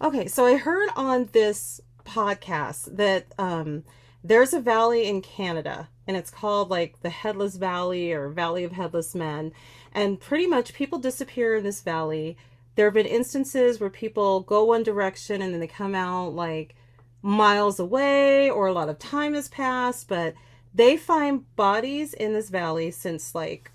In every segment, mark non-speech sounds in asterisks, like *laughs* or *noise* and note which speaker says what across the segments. Speaker 1: Okay, so I heard on this podcast that there's a valley in Canada, and it's called like the Headless Valley or Valley of Headless Men. And pretty much people disappear in this valley. There have been instances where people go one direction and then they come out like miles away, or a lot of time has passed, but they find bodies in this valley since like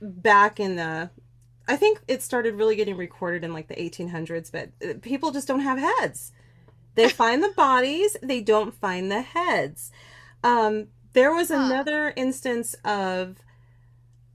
Speaker 1: back in the I think it started really getting recorded in like the 1800s, but people just don't have heads. They find the bodies, they don't find the heads. Um, there was
Speaker 2: Huh.
Speaker 1: another instance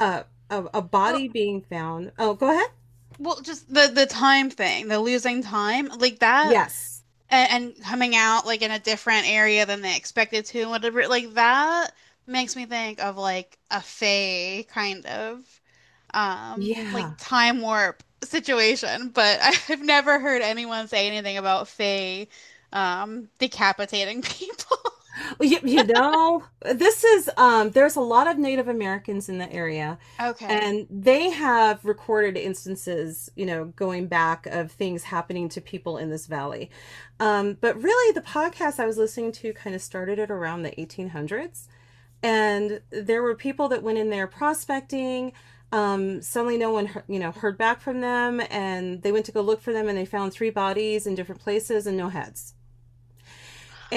Speaker 1: uh, of a
Speaker 2: Well,
Speaker 1: body being found. Oh, go ahead.
Speaker 2: well, just the time thing, the losing time, like that,
Speaker 1: Yes.
Speaker 2: and coming out like in a different area than they expected to, and whatever, like that makes me think of like a fae kind of like
Speaker 1: Yeah.
Speaker 2: time warp situation. But *laughs* I've never heard anyone say anything about fae decapitating people. *laughs*
Speaker 1: You know, this is there's a lot of Native Americans in the area,
Speaker 2: Okay.
Speaker 1: and they have recorded instances, you know, going back of things happening to people in this valley. But really the podcast I was listening to kind of started at around the 1800s, and there were people that went in there prospecting, suddenly no one heard back from them, and they went to go look for them, and they found 3 bodies in different places and no heads,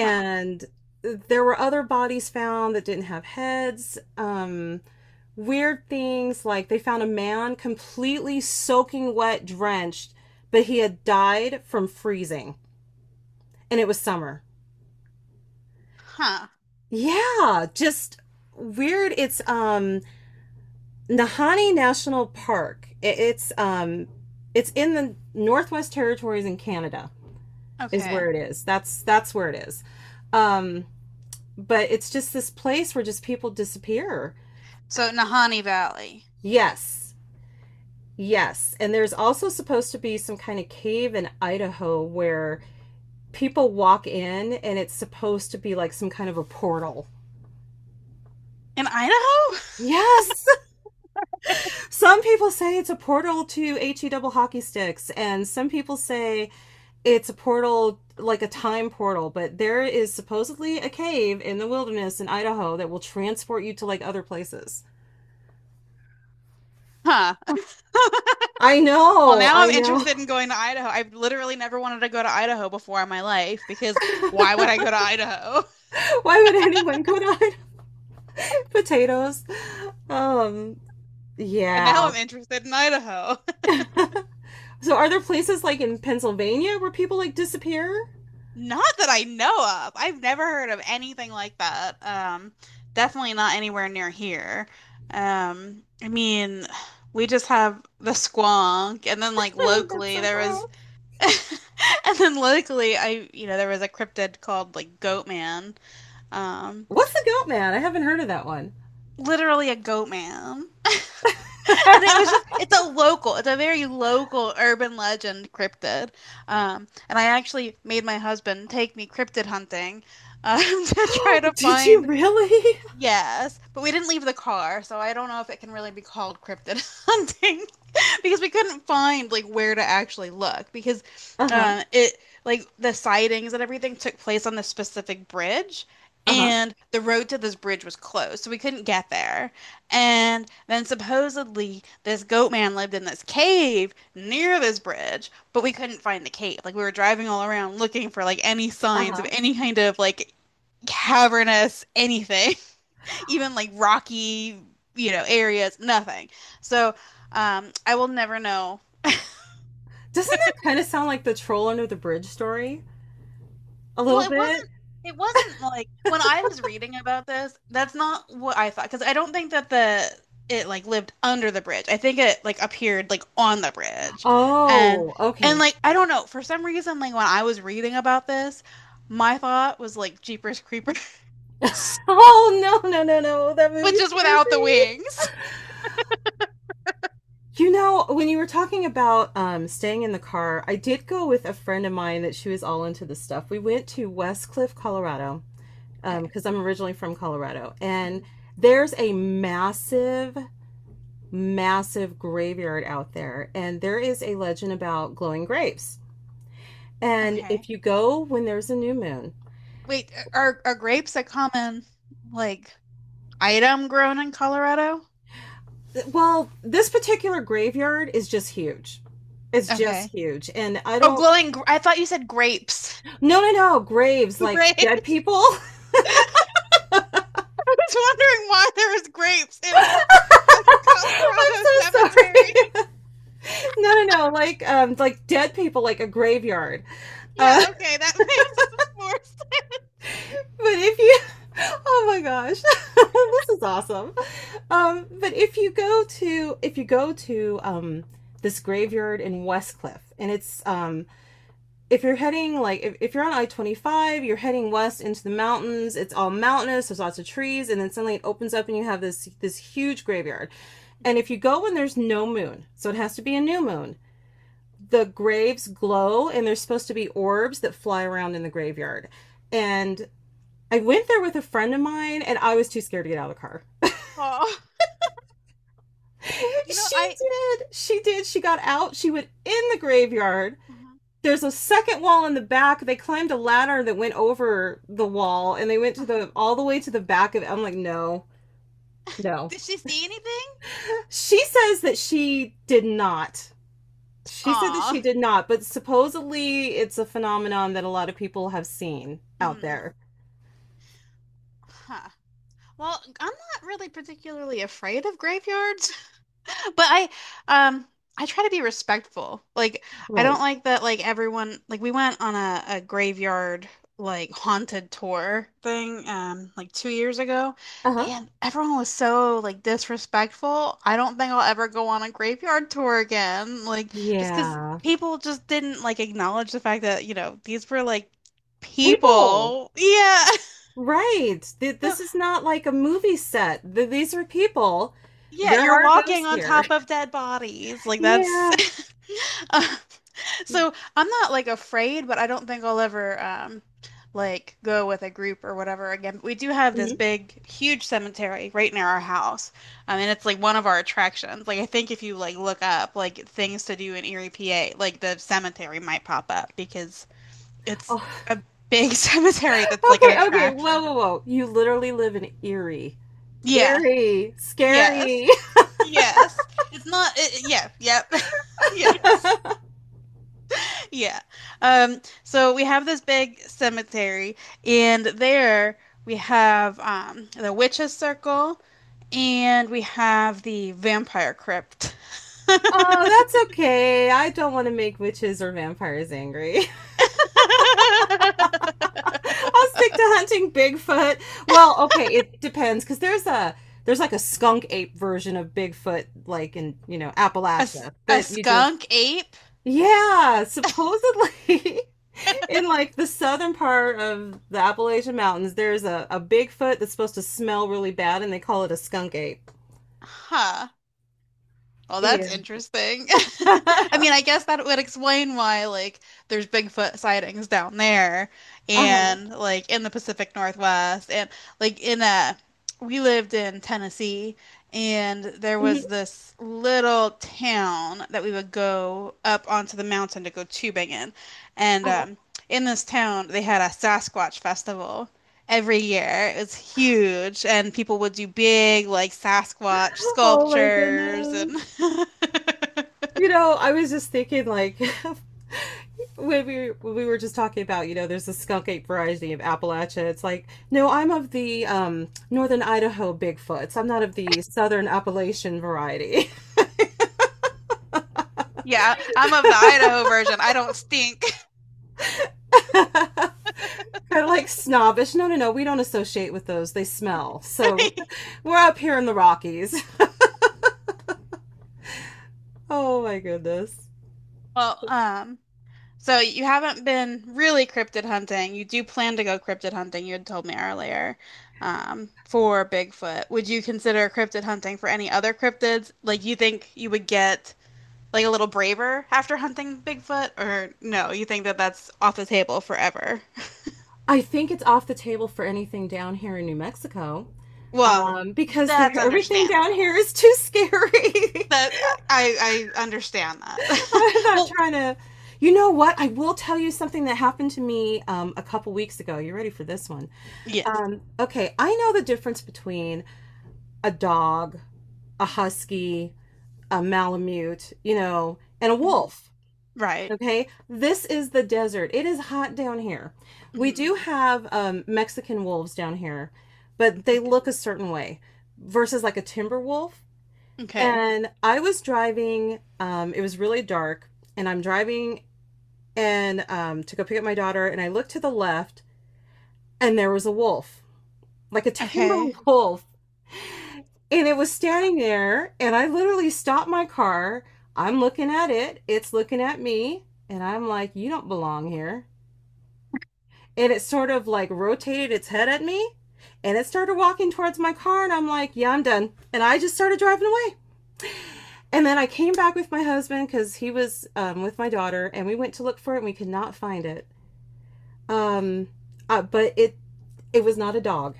Speaker 2: Huh.
Speaker 1: there were other bodies found that didn't have heads. Weird things, like they found a man completely soaking wet, drenched, but he had died from freezing, and it was summer.
Speaker 2: Huh.
Speaker 1: Yeah, just weird. It's Nahani National Park. It's in the Northwest Territories in Canada. Is where
Speaker 2: Okay.
Speaker 1: it is. That's where it is. Um, but it's just this place where just people disappear.
Speaker 2: So Nahanni Valley
Speaker 1: Yes. Yes. And there's also supposed to be some kind of cave in Idaho where people walk in, and it's supposed to be like some kind of a portal.
Speaker 2: in Idaho?
Speaker 1: Yes. *laughs* Some people say it's a portal to HE double hockey sticks, and some people say it's a portal, like a time portal. But there is supposedly a cave in the wilderness in Idaho that will transport you to like other places.
Speaker 2: *laughs* Huh.
Speaker 1: I
Speaker 2: Well,
Speaker 1: know,
Speaker 2: now
Speaker 1: I
Speaker 2: I'm
Speaker 1: know.
Speaker 2: interested in going to Idaho. I've literally never wanted to go to Idaho before in my life because why would I go to Idaho? *laughs*
Speaker 1: *laughs* Why would anyone go to *laughs* Idaho? Potatoes? Um,
Speaker 2: And
Speaker 1: Yeah.
Speaker 2: now I'm interested in Idaho.
Speaker 1: *laughs* So are there places like in Pennsylvania where people like disappear?
Speaker 2: *laughs* Not that I know of. I've never heard of anything like that. Definitely not anywhere near here. I mean, we just have the squonk, and then like
Speaker 1: *laughs* That's
Speaker 2: locally
Speaker 1: so
Speaker 2: there was,
Speaker 1: gross.
Speaker 2: *laughs* and then locally I, you know, there was a cryptid called like Goat Man. Um,
Speaker 1: What's the goat man? I haven't heard of that one.
Speaker 2: Literally a goat man. And it was just,
Speaker 1: *laughs*
Speaker 2: it's a local, it's a very local urban legend cryptid. And I actually made my husband take me cryptid hunting, *laughs* to try to
Speaker 1: Did you
Speaker 2: find,
Speaker 1: really?
Speaker 2: yes, but we didn't leave the car, so I don't know if it can really be called cryptid *laughs* hunting because we couldn't find like where to actually look because
Speaker 1: Uh huh.
Speaker 2: it like the sightings and everything took place on this specific bridge,
Speaker 1: Uh huh.
Speaker 2: and the road to this bridge was closed, so we couldn't get there, and then supposedly this goat man lived in this cave near this bridge, but we couldn't find the cave. Like, we were driving all around looking for like any
Speaker 1: Uh
Speaker 2: signs of
Speaker 1: huh.
Speaker 2: any kind of like cavernous anything, *laughs* even like rocky, you know, areas, nothing. So I will never know.
Speaker 1: Doesn't that kind of sound like the troll under the bridge story? A
Speaker 2: Well,
Speaker 1: little
Speaker 2: it
Speaker 1: bit?
Speaker 2: wasn't it wasn't like when I was reading about this, that's not what I thought, because I don't think that the it like lived under the bridge. I think it like appeared like on the bridge. And
Speaker 1: Oh,
Speaker 2: and
Speaker 1: okay.
Speaker 2: like I don't know, for some reason like when I was reading about this, my thought was like Jeepers Creepers, *laughs*
Speaker 1: Oh, no, no, no, no. That
Speaker 2: but
Speaker 1: movie
Speaker 2: just
Speaker 1: scares
Speaker 2: without the
Speaker 1: me.
Speaker 2: wings.
Speaker 1: You know, when you were talking about staying in the car, I did go with a friend of mine that she was all into this stuff. We went to West Cliff, Colorado, because I'm originally from Colorado, and there's a massive, massive graveyard out there, and there is a legend about glowing grapes. And if
Speaker 2: Okay.
Speaker 1: you go when there's a new moon,
Speaker 2: Wait, are grapes a common like item grown in Colorado?
Speaker 1: well, this particular graveyard is just huge. It's just
Speaker 2: Okay.
Speaker 1: huge. And I
Speaker 2: Oh,
Speaker 1: don't,
Speaker 2: glowing gr- I thought you said grapes.
Speaker 1: no, no, no, graves
Speaker 2: *laughs*
Speaker 1: like dead
Speaker 2: Grapes.
Speaker 1: people.
Speaker 2: *laughs* I was wondering why there was grapes in a,
Speaker 1: *laughs* I'm
Speaker 2: a Colorado
Speaker 1: so sorry.
Speaker 2: cemetery.
Speaker 1: *laughs* No, no, no, like dead people, like a graveyard. Uh,
Speaker 2: Yeah, okay, that *laughs* makes more sense.
Speaker 1: but if you, *laughs* oh my gosh, *laughs* this is awesome. But if you go to if, you go to this graveyard in Westcliff, and it's if you're on I 25, you're heading west into the mountains. It's all mountainous. There's lots of trees, and then suddenly it opens up, and you have this huge graveyard. And if you go when there's no moon, so it has to be a new moon. The graves glow, and there's supposed to be orbs that fly around in the graveyard. And I went there with a friend of mine, and I was too scared to get out of the car.
Speaker 2: Oh,
Speaker 1: *laughs* She
Speaker 2: I
Speaker 1: did. She did. She got out. She went in the graveyard. There's a second wall in the back. They climbed a ladder that went over the wall, and they went to
Speaker 2: uh,
Speaker 1: the all the way to the back of it. I'm like, no, no.
Speaker 2: did she see anything?
Speaker 1: She says that she did not. She said that
Speaker 2: Aw.
Speaker 1: she did not, but supposedly it's a phenomenon that a lot of people have seen out
Speaker 2: Mhm.
Speaker 1: there.
Speaker 2: Huh. Well, I'm not really particularly afraid of graveyards. But um I try to be respectful. Like, I don't
Speaker 1: Right.
Speaker 2: like that like everyone like we went on a graveyard like haunted tour thing like 2 years ago,
Speaker 1: Uh-huh.
Speaker 2: and everyone was so like disrespectful. I don't think I'll ever go on a graveyard tour again. Like, just 'cause
Speaker 1: Yeah.
Speaker 2: people just didn't like acknowledge the fact that, you know, these were like
Speaker 1: People.
Speaker 2: people. Yeah. *laughs*
Speaker 1: Right. Th-
Speaker 2: So
Speaker 1: This is not like a movie set. Th- These are people.
Speaker 2: yeah,
Speaker 1: There
Speaker 2: you're
Speaker 1: are
Speaker 2: walking
Speaker 1: ghosts
Speaker 2: on
Speaker 1: here.
Speaker 2: top
Speaker 1: *laughs*
Speaker 2: of dead bodies. Like, that's
Speaker 1: Yeah.
Speaker 2: *laughs* *laughs* so I'm not like afraid, but I don't think I'll ever like go with a group or whatever again. But we do have this
Speaker 1: Mhm.
Speaker 2: big, huge cemetery right near our house. I mean, it's like one of our attractions. Like, I think if you like look up like things to do in Erie, PA, like the cemetery might pop up because it's
Speaker 1: Oh,
Speaker 2: a big *laughs* cemetery that's
Speaker 1: *laughs*
Speaker 2: like an
Speaker 1: okay, okay. Whoa,
Speaker 2: attraction.
Speaker 1: whoa, whoa. You literally live in Erie.
Speaker 2: Yeah.
Speaker 1: Eerie,
Speaker 2: Yes.
Speaker 1: scary. *laughs*
Speaker 2: Yes. It's not it, yeah, yep. *laughs* Yes. Yeah. So we have this big cemetery, and there we have the witch's circle, and we have the vampire crypt.
Speaker 1: Oh, that's okay. I don't want to make witches or vampires angry.
Speaker 2: *laughs*
Speaker 1: *laughs* I'll stick to hunting Bigfoot. Well, okay, it depends because there's a there's like a skunk ape version of Bigfoot, like in, you know,
Speaker 2: A, s-
Speaker 1: Appalachia
Speaker 2: a
Speaker 1: that you just
Speaker 2: skunk ape?
Speaker 1: Yeah, supposedly *laughs* in like the southern part of the Appalachian Mountains, there's a Bigfoot that's supposed to smell really bad, and they call it a skunk ape.
Speaker 2: Huh. Well, that's
Speaker 1: Yeah.
Speaker 2: interesting. *laughs* I mean,
Speaker 1: *laughs*
Speaker 2: I guess that would explain why, like, there's Bigfoot sightings down there
Speaker 1: Uh-huh.
Speaker 2: and, like, in the Pacific Northwest. And like in a we lived in Tennessee, and there
Speaker 1: Mhm.
Speaker 2: was this little town that we would go up onto the mountain to go tubing in. And in this town, they had a Sasquatch festival every year. It was huge, and people would do big, like Sasquatch
Speaker 1: Oh my
Speaker 2: sculptures.
Speaker 1: goodness.
Speaker 2: And *laughs*
Speaker 1: You know, I was just thinking like *laughs* when we were just talking about, you know, there's a skunk ape variety of Appalachia. It's like, no, I'm of the northern Idaho Bigfoots. I'm not of the southern Appalachian variety. *laughs*
Speaker 2: yeah, I'm of the Idaho version. I don't stink.
Speaker 1: Kind of like snobbish. No, no, no. We don't associate with those. They smell. So
Speaker 2: *laughs*
Speaker 1: we're up here in the Rockies. *laughs* Oh my goodness.
Speaker 2: Well, so you haven't been really cryptid hunting. You do plan to go cryptid hunting, you had told me earlier, for Bigfoot. Would you consider cryptid hunting for any other cryptids? Like, you think you would get like a little braver after hunting Bigfoot, or no, you think that that's off the table forever?
Speaker 1: I think it's off the table for anything down here in New Mexico
Speaker 2: Well,
Speaker 1: um, because there,
Speaker 2: that's
Speaker 1: *laughs* everything down
Speaker 2: understandable.
Speaker 1: here is too scary.
Speaker 2: That I understand that.
Speaker 1: *laughs* I'm
Speaker 2: *laughs*
Speaker 1: not
Speaker 2: Well,
Speaker 1: trying to. You know what? I will tell you something that happened to me a couple weeks ago. You ready for this one?
Speaker 2: yes.
Speaker 1: Okay, I know the difference between a dog, a husky, a malamute, you know, and a
Speaker 2: Mhm.
Speaker 1: wolf.
Speaker 2: Right.
Speaker 1: Okay, this is the desert. It is hot down here. We do
Speaker 2: Hmm.
Speaker 1: have Mexican wolves down here, but they
Speaker 2: Okay.
Speaker 1: look a certain way versus like a timber wolf.
Speaker 2: Okay.
Speaker 1: And I was driving, it was really dark, and I'm driving and to go pick up my daughter, and I looked to the left, and there was a wolf, like a timber
Speaker 2: Okay.
Speaker 1: *laughs* wolf. And it was standing there, and I literally stopped my car. I'm looking at it, it's looking at me, and I'm like, you don't belong here. And it sort of like rotated its head at me, and it started walking towards my car, and I'm like, yeah, I'm done, and I just started driving away. And then I came back with my husband because he was with my daughter, and we went to look for it, and we could not find it. um, but it was not a dog.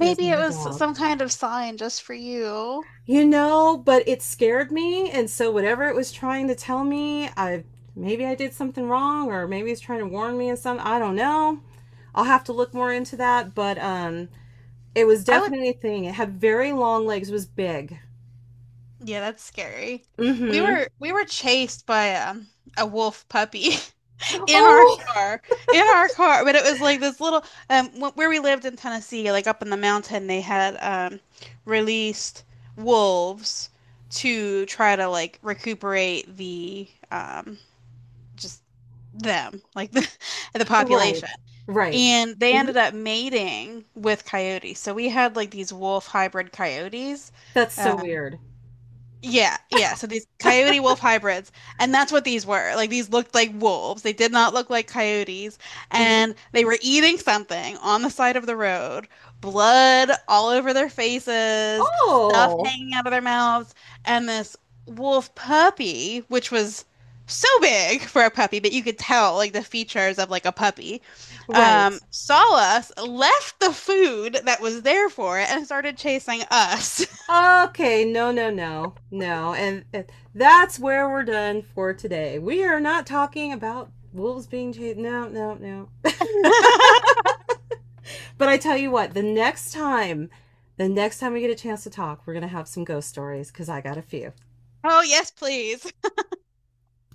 Speaker 1: It was not
Speaker 2: it
Speaker 1: a
Speaker 2: was
Speaker 1: dog,
Speaker 2: some kind of sign just for you.
Speaker 1: you know, but it scared me. And so whatever it was trying to tell me, I maybe I did something wrong, or maybe it's trying to warn me of something, I don't know. I'll have to look more into that, but it was
Speaker 2: I would,
Speaker 1: definitely a thing. It had very long legs. It was big.
Speaker 2: yeah, that's scary. We
Speaker 1: Mm-hmm.
Speaker 2: were we were chased by a wolf puppy *laughs* in our
Speaker 1: *gasps*
Speaker 2: car, in our car. But it was like this little where we lived in Tennessee, like up in the mountain, they had released wolves to try to like recuperate the just them, like the *laughs* the
Speaker 1: Oh, right.
Speaker 2: population.
Speaker 1: Right.
Speaker 2: And they
Speaker 1: Mhm.
Speaker 2: ended up mating with coyotes. So we had like these wolf hybrid coyotes.
Speaker 1: That's so weird.
Speaker 2: Yeah, yeah. So these coyote wolf hybrids, and that's what these were. Like, these looked like wolves. They did not look like coyotes,
Speaker 1: Mhm.
Speaker 2: and they were eating something on the side of the road. Blood all over their faces, stuff
Speaker 1: Oh,
Speaker 2: hanging out of their mouths, and this wolf puppy, which was so big for a puppy, but you could tell like the features of like a puppy,
Speaker 1: right.
Speaker 2: saw us, left the food that was there for it, and started chasing us.
Speaker 1: Okay, no, no, no. No. And that's where we're done for today. We are not talking about wolves being chased. No, no, no.
Speaker 2: *laughs*
Speaker 1: But I tell you what, the next time we get a chance to talk, we're going to have some ghost stories because I got a few.
Speaker 2: Oh, yes, please.